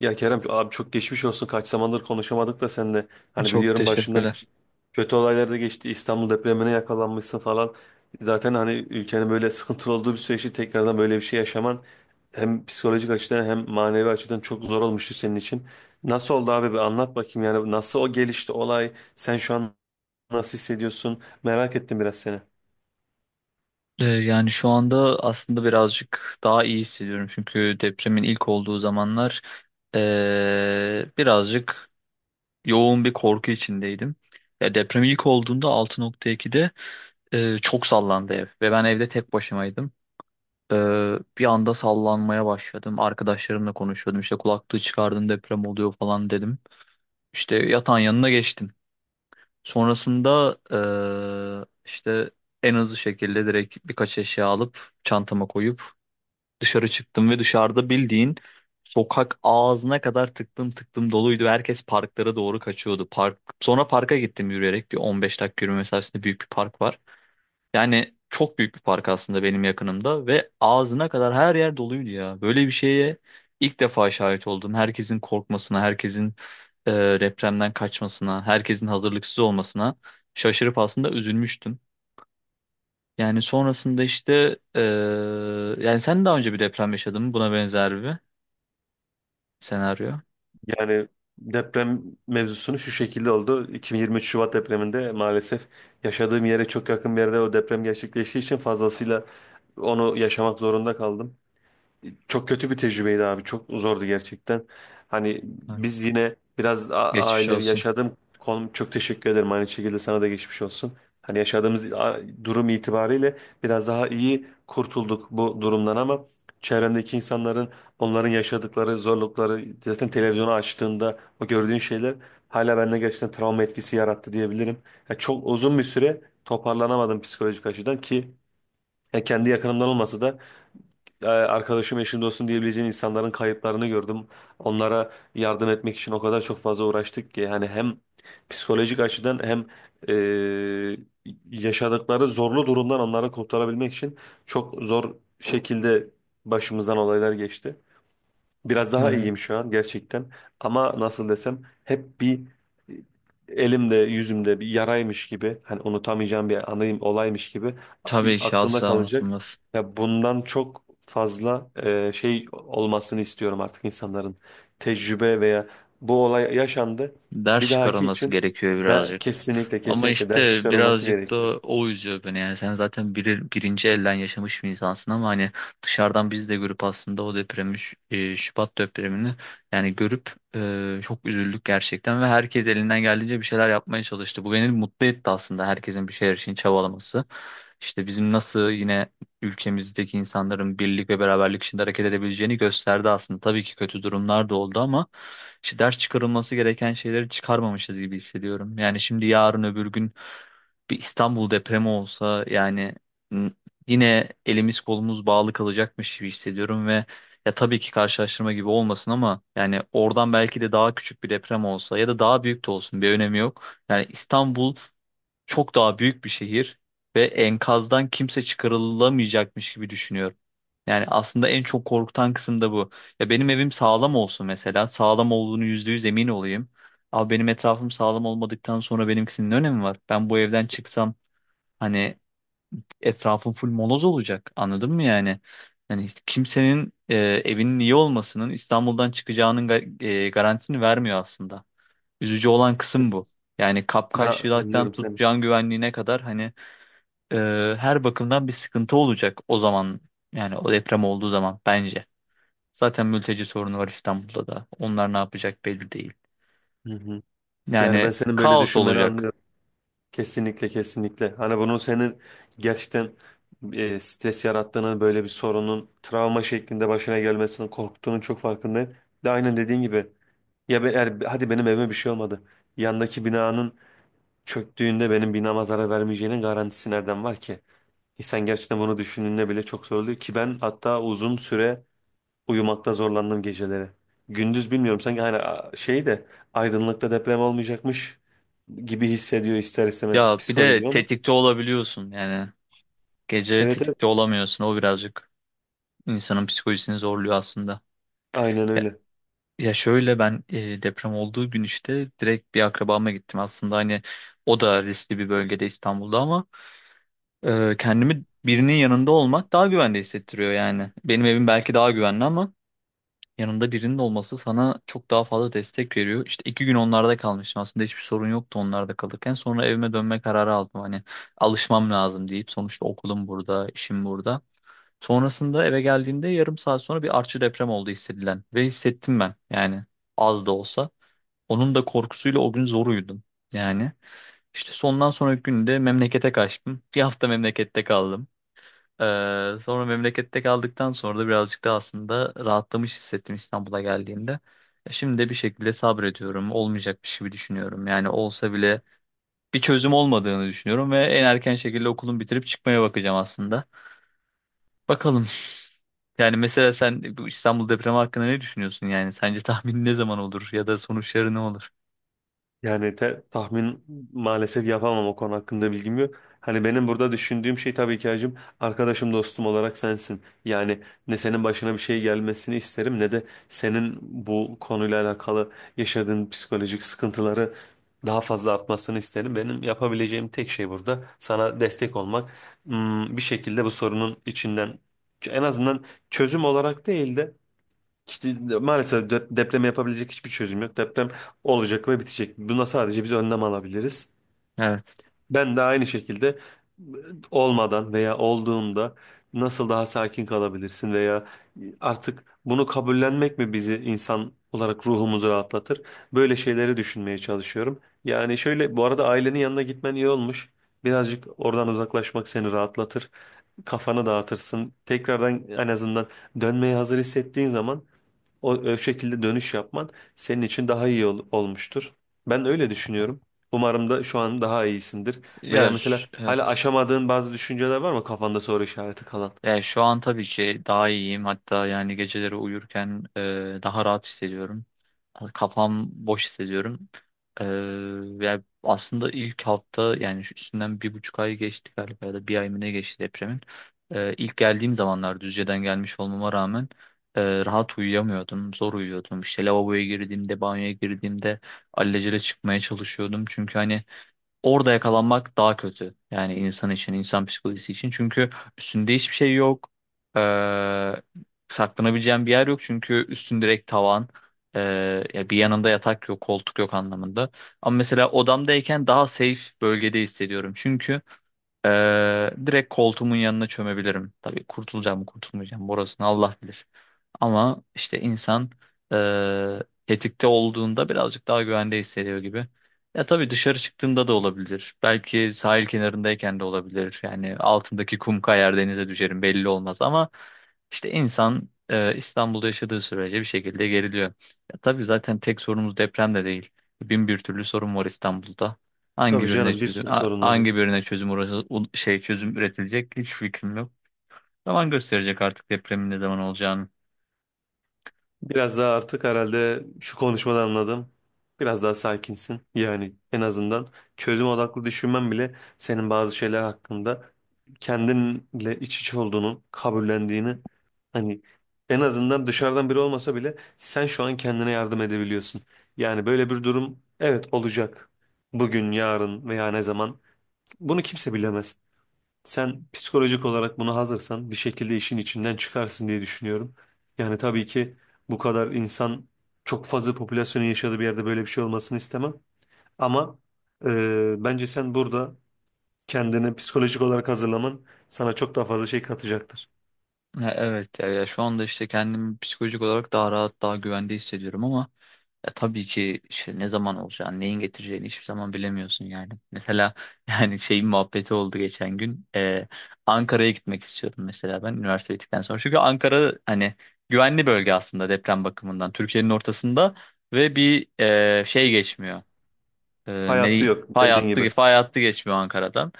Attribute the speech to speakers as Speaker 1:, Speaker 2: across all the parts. Speaker 1: Ya Kerem abi çok geçmiş olsun. Kaç zamandır konuşamadık da seninle. Hani
Speaker 2: Çok
Speaker 1: biliyorum başından
Speaker 2: teşekkürler.
Speaker 1: kötü olaylar da geçti. İstanbul depremine yakalanmışsın falan. Zaten hani ülkenin böyle sıkıntılı olduğu bir süreçte tekrardan böyle bir şey yaşaman hem psikolojik açıdan hem manevi açıdan çok zor olmuştu senin için. Nasıl oldu abi? Bir anlat bakayım yani nasıl o gelişti olay? Sen şu an nasıl hissediyorsun? Merak ettim biraz seni.
Speaker 2: Yani şu anda aslında birazcık daha iyi hissediyorum. Çünkü depremin ilk olduğu zamanlar birazcık yoğun bir korku içindeydim. Ya deprem ilk olduğunda 6,2'de çok sallandı ev ve ben evde tek başımaydım. Bir anda sallanmaya başladım. Arkadaşlarımla konuşuyordum. İşte kulaklığı çıkardım, deprem oluyor falan dedim. İşte yatağın yanına geçtim. Sonrasında işte en hızlı şekilde direkt birkaç eşya alıp çantama koyup dışarı çıktım ve dışarıda bildiğin sokak ağzına kadar tıktım tıktım doluydu. Herkes parklara doğru kaçıyordu. Sonra parka gittim, yürüyerek bir 15 dakika yürüme mesafesinde büyük bir park var. Yani çok büyük bir park aslında benim yakınımda ve ağzına kadar her yer doluydu ya. Böyle bir şeye ilk defa şahit oldum. Herkesin korkmasına, herkesin e, depremden kaçmasına, herkesin hazırlıksız olmasına şaşırıp aslında üzülmüştüm. Yani sonrasında işte yani sen daha önce bir deprem yaşadın mı? Buna benzer bir senaryo.
Speaker 1: Yani deprem mevzusunu şu şekilde oldu. 2023 Şubat depreminde maalesef yaşadığım yere çok yakın bir yerde o deprem gerçekleştiği için fazlasıyla onu yaşamak zorunda kaldım. Çok kötü bir tecrübeydi abi. Çok zordu gerçekten. Hani
Speaker 2: Evet.
Speaker 1: biz yine biraz
Speaker 2: Geçmiş
Speaker 1: ailevi
Speaker 2: olsun.
Speaker 1: yaşadığım konum çok teşekkür ederim. Aynı şekilde sana da geçmiş olsun. Hani yaşadığımız durum itibariyle biraz daha iyi kurtulduk bu durumdan ama çevremdeki insanların onların yaşadıkları zorlukları zaten televizyonu açtığında o gördüğün şeyler hala bende gerçekten travma etkisi yarattı diyebilirim. Ya çok uzun bir süre toparlanamadım psikolojik açıdan ki ya kendi yakınımdan olmasa da arkadaşım, eşim, dostum diyebileceğin insanların kayıplarını gördüm. Onlara yardım etmek için o kadar çok fazla uğraştık ki yani hem psikolojik açıdan hem e, yaşadıkları zorlu durumdan onları kurtarabilmek için çok zor şekilde başımızdan olaylar geçti. Biraz daha
Speaker 2: Evet.
Speaker 1: iyiyim şu an gerçekten. Ama nasıl desem hep bir elimde yüzümde bir yaraymış gibi hani unutamayacağım bir anayım olaymış gibi
Speaker 2: Tabii ki
Speaker 1: aklımda
Speaker 2: asla
Speaker 1: kalacak.
Speaker 2: unutulmaz.
Speaker 1: Ya bundan çok fazla şey olmasını istiyorum artık insanların tecrübe veya bu olay yaşandı
Speaker 2: Ders
Speaker 1: bir dahaki
Speaker 2: çıkarılması
Speaker 1: için
Speaker 2: gerekiyor
Speaker 1: de
Speaker 2: birazcık.
Speaker 1: kesinlikle
Speaker 2: Ama
Speaker 1: kesinlikle ders
Speaker 2: işte
Speaker 1: çıkarılması
Speaker 2: birazcık da
Speaker 1: gerekiyor.
Speaker 2: o üzüyor beni, yani sen zaten birinci elden yaşamış bir insansın ama hani dışarıdan biz de görüp aslında o depremi Şubat depremini yani görüp çok üzüldük gerçekten ve herkes elinden geldiğince bir şeyler yapmaya çalıştı. Bu beni mutlu etti aslında, herkesin bir şeyler için çabalaması. İşte bizim nasıl yine ülkemizdeki insanların birlik ve beraberlik içinde hareket edebileceğini gösterdi aslında. Tabii ki kötü durumlar da oldu ama işte ders çıkarılması gereken şeyleri çıkarmamışız gibi hissediyorum. Yani şimdi yarın öbür gün bir İstanbul depremi olsa, yani n- yine elimiz kolumuz bağlı kalacakmış gibi hissediyorum ve ya tabii ki karşılaştırma gibi olmasın ama yani oradan belki de daha küçük bir deprem olsa ya da daha büyük de olsun bir önemi yok. Yani İstanbul çok daha büyük bir şehir ve enkazdan kimse çıkarılamayacakmış gibi düşünüyorum. Yani aslında en çok korkutan kısım da bu. Ya benim evim sağlam olsun mesela. Sağlam olduğunu %100 emin olayım. Ama benim etrafım sağlam olmadıktan sonra benimkisinin ne önemi var? Ben bu evden çıksam hani etrafım full moloz olacak. Anladın mı yani? Yani hiç kimsenin evinin iyi olmasının İstanbul'dan çıkacağının garantisini vermiyor aslında. Üzücü olan kısım bu. Yani
Speaker 1: Ben
Speaker 2: kapkaççılıktan
Speaker 1: anlıyorum
Speaker 2: tut
Speaker 1: seni.
Speaker 2: can güvenliğine kadar hani e, her bakımdan bir sıkıntı olacak o zaman. Yani o deprem olduğu zaman bence. Zaten mülteci sorunu var İstanbul'da da. Onlar ne yapacak belli değil.
Speaker 1: Hı hı. Yani ben
Speaker 2: Yani
Speaker 1: senin böyle
Speaker 2: kaos
Speaker 1: düşünmeni
Speaker 2: olacak.
Speaker 1: anlıyorum. Kesinlikle kesinlikle. Hani bunun senin gerçekten stres yarattığını, böyle bir sorunun travma şeklinde başına gelmesinin korktuğunun çok farkındayım. De aynen dediğin gibi. Ya be, hadi benim evime bir şey olmadı. Yandaki binanın çöktüğünde benim binama zarar vermeyeceğinin garantisi nereden var ki? İnsan gerçekten bunu düşündüğünde bile çok zor oluyor ki ben hatta uzun süre uyumakta zorlandım geceleri. Gündüz bilmiyorum sanki hani şey de aydınlıkta deprem olmayacakmış gibi hissediyor ister istemez
Speaker 2: Ya bir de
Speaker 1: psikolojim ama.
Speaker 2: tetikte olabiliyorsun yani. Gece
Speaker 1: Evet, evet.
Speaker 2: tetikte olamıyorsun. O birazcık insanın psikolojisini zorluyor aslında.
Speaker 1: Aynen
Speaker 2: Ya,
Speaker 1: öyle.
Speaker 2: ya şöyle, ben deprem olduğu gün işte direkt bir akrabama gittim. Aslında hani o da riskli bir bölgede İstanbul'da ama kendimi birinin yanında olmak daha güvende hissettiriyor yani. Benim evim belki daha güvenli ama yanında birinin olması sana çok daha fazla destek veriyor. İşte 2 gün onlarda kalmıştım. Aslında hiçbir sorun yoktu onlarda kalırken. Sonra evime dönme kararı aldım. Hani alışmam lazım deyip, sonuçta okulum burada, işim burada. Sonrasında eve geldiğimde yarım saat sonra bir artçı deprem oldu hissedilen. Ve hissettim ben yani, az da olsa. Onun da korkusuyla o gün zor uyudum. Yani işte sondan sonraki günde memlekete kaçtım. Bir hafta memlekette kaldım. Sonra memlekette kaldıktan sonra da birazcık da aslında rahatlamış hissettim İstanbul'a geldiğimde. Şimdi de bir şekilde sabrediyorum. Olmayacakmış gibi düşünüyorum. Yani olsa bile bir çözüm olmadığını düşünüyorum ve en erken şekilde okulumu bitirip çıkmaya bakacağım aslında. Bakalım. Yani mesela sen bu İstanbul depremi hakkında ne düşünüyorsun yani? Sence tahmin ne zaman olur ya da sonuçları ne olur?
Speaker 1: Yani tahmin maalesef yapamam o konu hakkında bilgim yok. Hani benim burada düşündüğüm şey tabii ki hacım arkadaşım dostum olarak sensin. Yani ne senin başına bir şey gelmesini isterim ne de senin bu konuyla alakalı yaşadığın psikolojik sıkıntıları daha fazla artmasını isterim. Benim yapabileceğim tek şey burada sana destek olmak. Hmm, bir şekilde bu sorunun içinden en azından çözüm olarak değil de İşte maalesef deprem yapabilecek hiçbir çözüm yok. Deprem olacak ve bitecek. Buna sadece biz önlem alabiliriz.
Speaker 2: Evet.
Speaker 1: Ben de aynı şekilde olmadan veya olduğunda nasıl daha sakin kalabilirsin veya artık bunu kabullenmek mi bizi insan olarak ruhumuzu rahatlatır? Böyle şeyleri düşünmeye çalışıyorum. Yani şöyle bu arada ailenin yanına gitmen iyi olmuş. Birazcık oradan uzaklaşmak seni rahatlatır. Kafanı dağıtırsın. Tekrardan en azından dönmeye hazır hissettiğin zaman o şekilde dönüş yapman senin için daha iyi olmuştur. Ben öyle düşünüyorum. Umarım da şu an daha iyisindir. Veya
Speaker 2: Ya
Speaker 1: mesela
Speaker 2: ş-
Speaker 1: hala
Speaker 2: evet.
Speaker 1: aşamadığın bazı düşünceler var mı kafanda soru işareti kalan?
Speaker 2: Yani şu an tabii ki daha iyiyim. Hatta yani geceleri uyurken daha rahat hissediyorum. Hani kafam boş hissediyorum. E, Yani aslında ilk hafta, yani şu üstünden 1,5 ay geçti galiba ya da bir ay mı, ne geçti depremin. İlk geldiğim zamanlar Düzce'den gelmiş olmama rağmen rahat uyuyamıyordum. Zor uyuyordum. İşte lavaboya girdiğimde, banyoya girdiğimde alelacele çıkmaya çalışıyordum. Çünkü hani orada yakalanmak daha kötü. Yani insan için, insan psikolojisi için. Çünkü üstünde hiçbir şey yok. Ee, Saklanabileceğin bir yer yok. Çünkü üstün direkt tavan. Ee, Ya bir yanında yatak yok, koltuk yok anlamında. Ama mesela odamdayken daha safe bölgede hissediyorum. Çünkü direkt koltuğumun yanına çömebilirim. Tabii kurtulacağım mı kurtulmayacağım mı orasını Allah bilir. Ama işte insan ee, tetikte olduğunda birazcık daha güvende hissediyor gibi. Ya tabii dışarı çıktığında da olabilir. Belki sahil kenarındayken de olabilir. Yani altındaki kum kayar, denize düşerim, belli olmaz ama işte insan İstanbul'da yaşadığı sürece bir şekilde geriliyor. Ya tabii zaten tek sorunumuz deprem de değil. Bin bir türlü sorun var İstanbul'da. Hangi
Speaker 1: Tabii
Speaker 2: birine
Speaker 1: canım bir
Speaker 2: çözüm
Speaker 1: sürü sorun var ya.
Speaker 2: hangi birine çözüm çözüm üretilecek hiç fikrim yok. Zaman gösterecek artık depremin ne zaman olacağını.
Speaker 1: Biraz daha artık herhalde şu konuşmadan anladım. Biraz daha sakinsin. Yani en azından çözüm odaklı düşünmen bile senin bazı şeyler hakkında kendinle iç içe olduğunun, kabullendiğini hani en azından dışarıdan biri olmasa bile sen şu an kendine yardım edebiliyorsun. Yani böyle bir durum evet olacak. Bugün, yarın veya ne zaman bunu kimse bilemez. Sen psikolojik olarak buna hazırsan bir şekilde işin içinden çıkarsın diye düşünüyorum. Yani tabii ki bu kadar insan çok fazla popülasyonun yaşadığı bir yerde böyle bir şey olmasını istemem. Ama bence sen burada kendini psikolojik olarak hazırlaman sana çok daha fazla şey katacaktır.
Speaker 2: Ha, evet, ya, ya şu anda işte kendimi psikolojik olarak daha rahat, daha güvende hissediyorum ama ya tabii ki işte ne zaman olacağını, neyin getireceğini hiçbir zaman bilemiyorsun yani. Mesela yani şeyin muhabbeti oldu geçen gün. Ankara'ya gitmek istiyordum mesela ben üniversite bittikten sonra. Çünkü Ankara hani güvenli bölge aslında deprem bakımından. Türkiye'nin ortasında ve bir şey geçmiyor.
Speaker 1: Hayatta
Speaker 2: Ne
Speaker 1: yok
Speaker 2: fay
Speaker 1: dediğin
Speaker 2: hattı,
Speaker 1: gibi.
Speaker 2: geçmiyor Ankara'dan.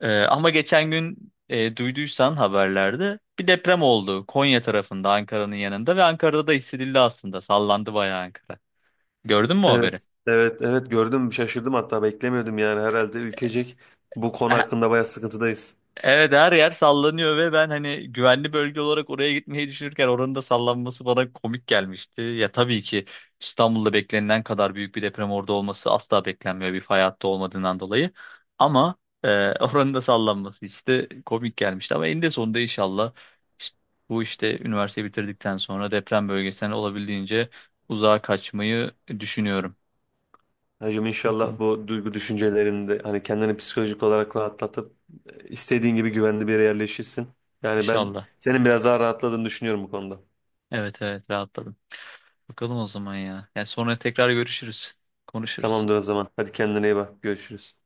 Speaker 2: Ama geçen gün duyduysan haberlerde bir deprem oldu Konya tarafında, Ankara'nın yanında ve Ankara'da da hissedildi aslında. Sallandı bayağı Ankara. Gördün mü o haberi?
Speaker 1: Evet, evet, evet gördüm şaşırdım hatta beklemiyordum yani herhalde ülkecek bu konu
Speaker 2: E,
Speaker 1: hakkında bayağı sıkıntıdayız.
Speaker 2: Evet, her yer sallanıyor ve ben hani güvenli bölge olarak oraya gitmeyi düşünürken oranın da sallanması bana komik gelmişti. Ya tabii ki İstanbul'da beklenilen kadar büyük bir deprem orada olması asla beklenmiyor, bir fay hattı olmadığından dolayı. Ama oranın da sallanması işte komik gelmişti. Ama eninde sonunda inşallah işte bu işte üniversiteyi bitirdikten sonra deprem bölgesinden olabildiğince uzağa kaçmayı düşünüyorum.
Speaker 1: Hacım inşallah
Speaker 2: Bakalım.
Speaker 1: bu duygu düşüncelerini de hani kendini psikolojik olarak rahatlatıp istediğin gibi güvenli bir yere yerleşirsin. Yani ben
Speaker 2: İnşallah.
Speaker 1: senin biraz daha rahatladığını düşünüyorum bu konuda.
Speaker 2: Evet, evet, rahatladım. Bakalım o zaman ya. Yani sonra tekrar görüşürüz. Konuşuruz.
Speaker 1: Tamamdır o zaman. Hadi kendine iyi bak. Görüşürüz.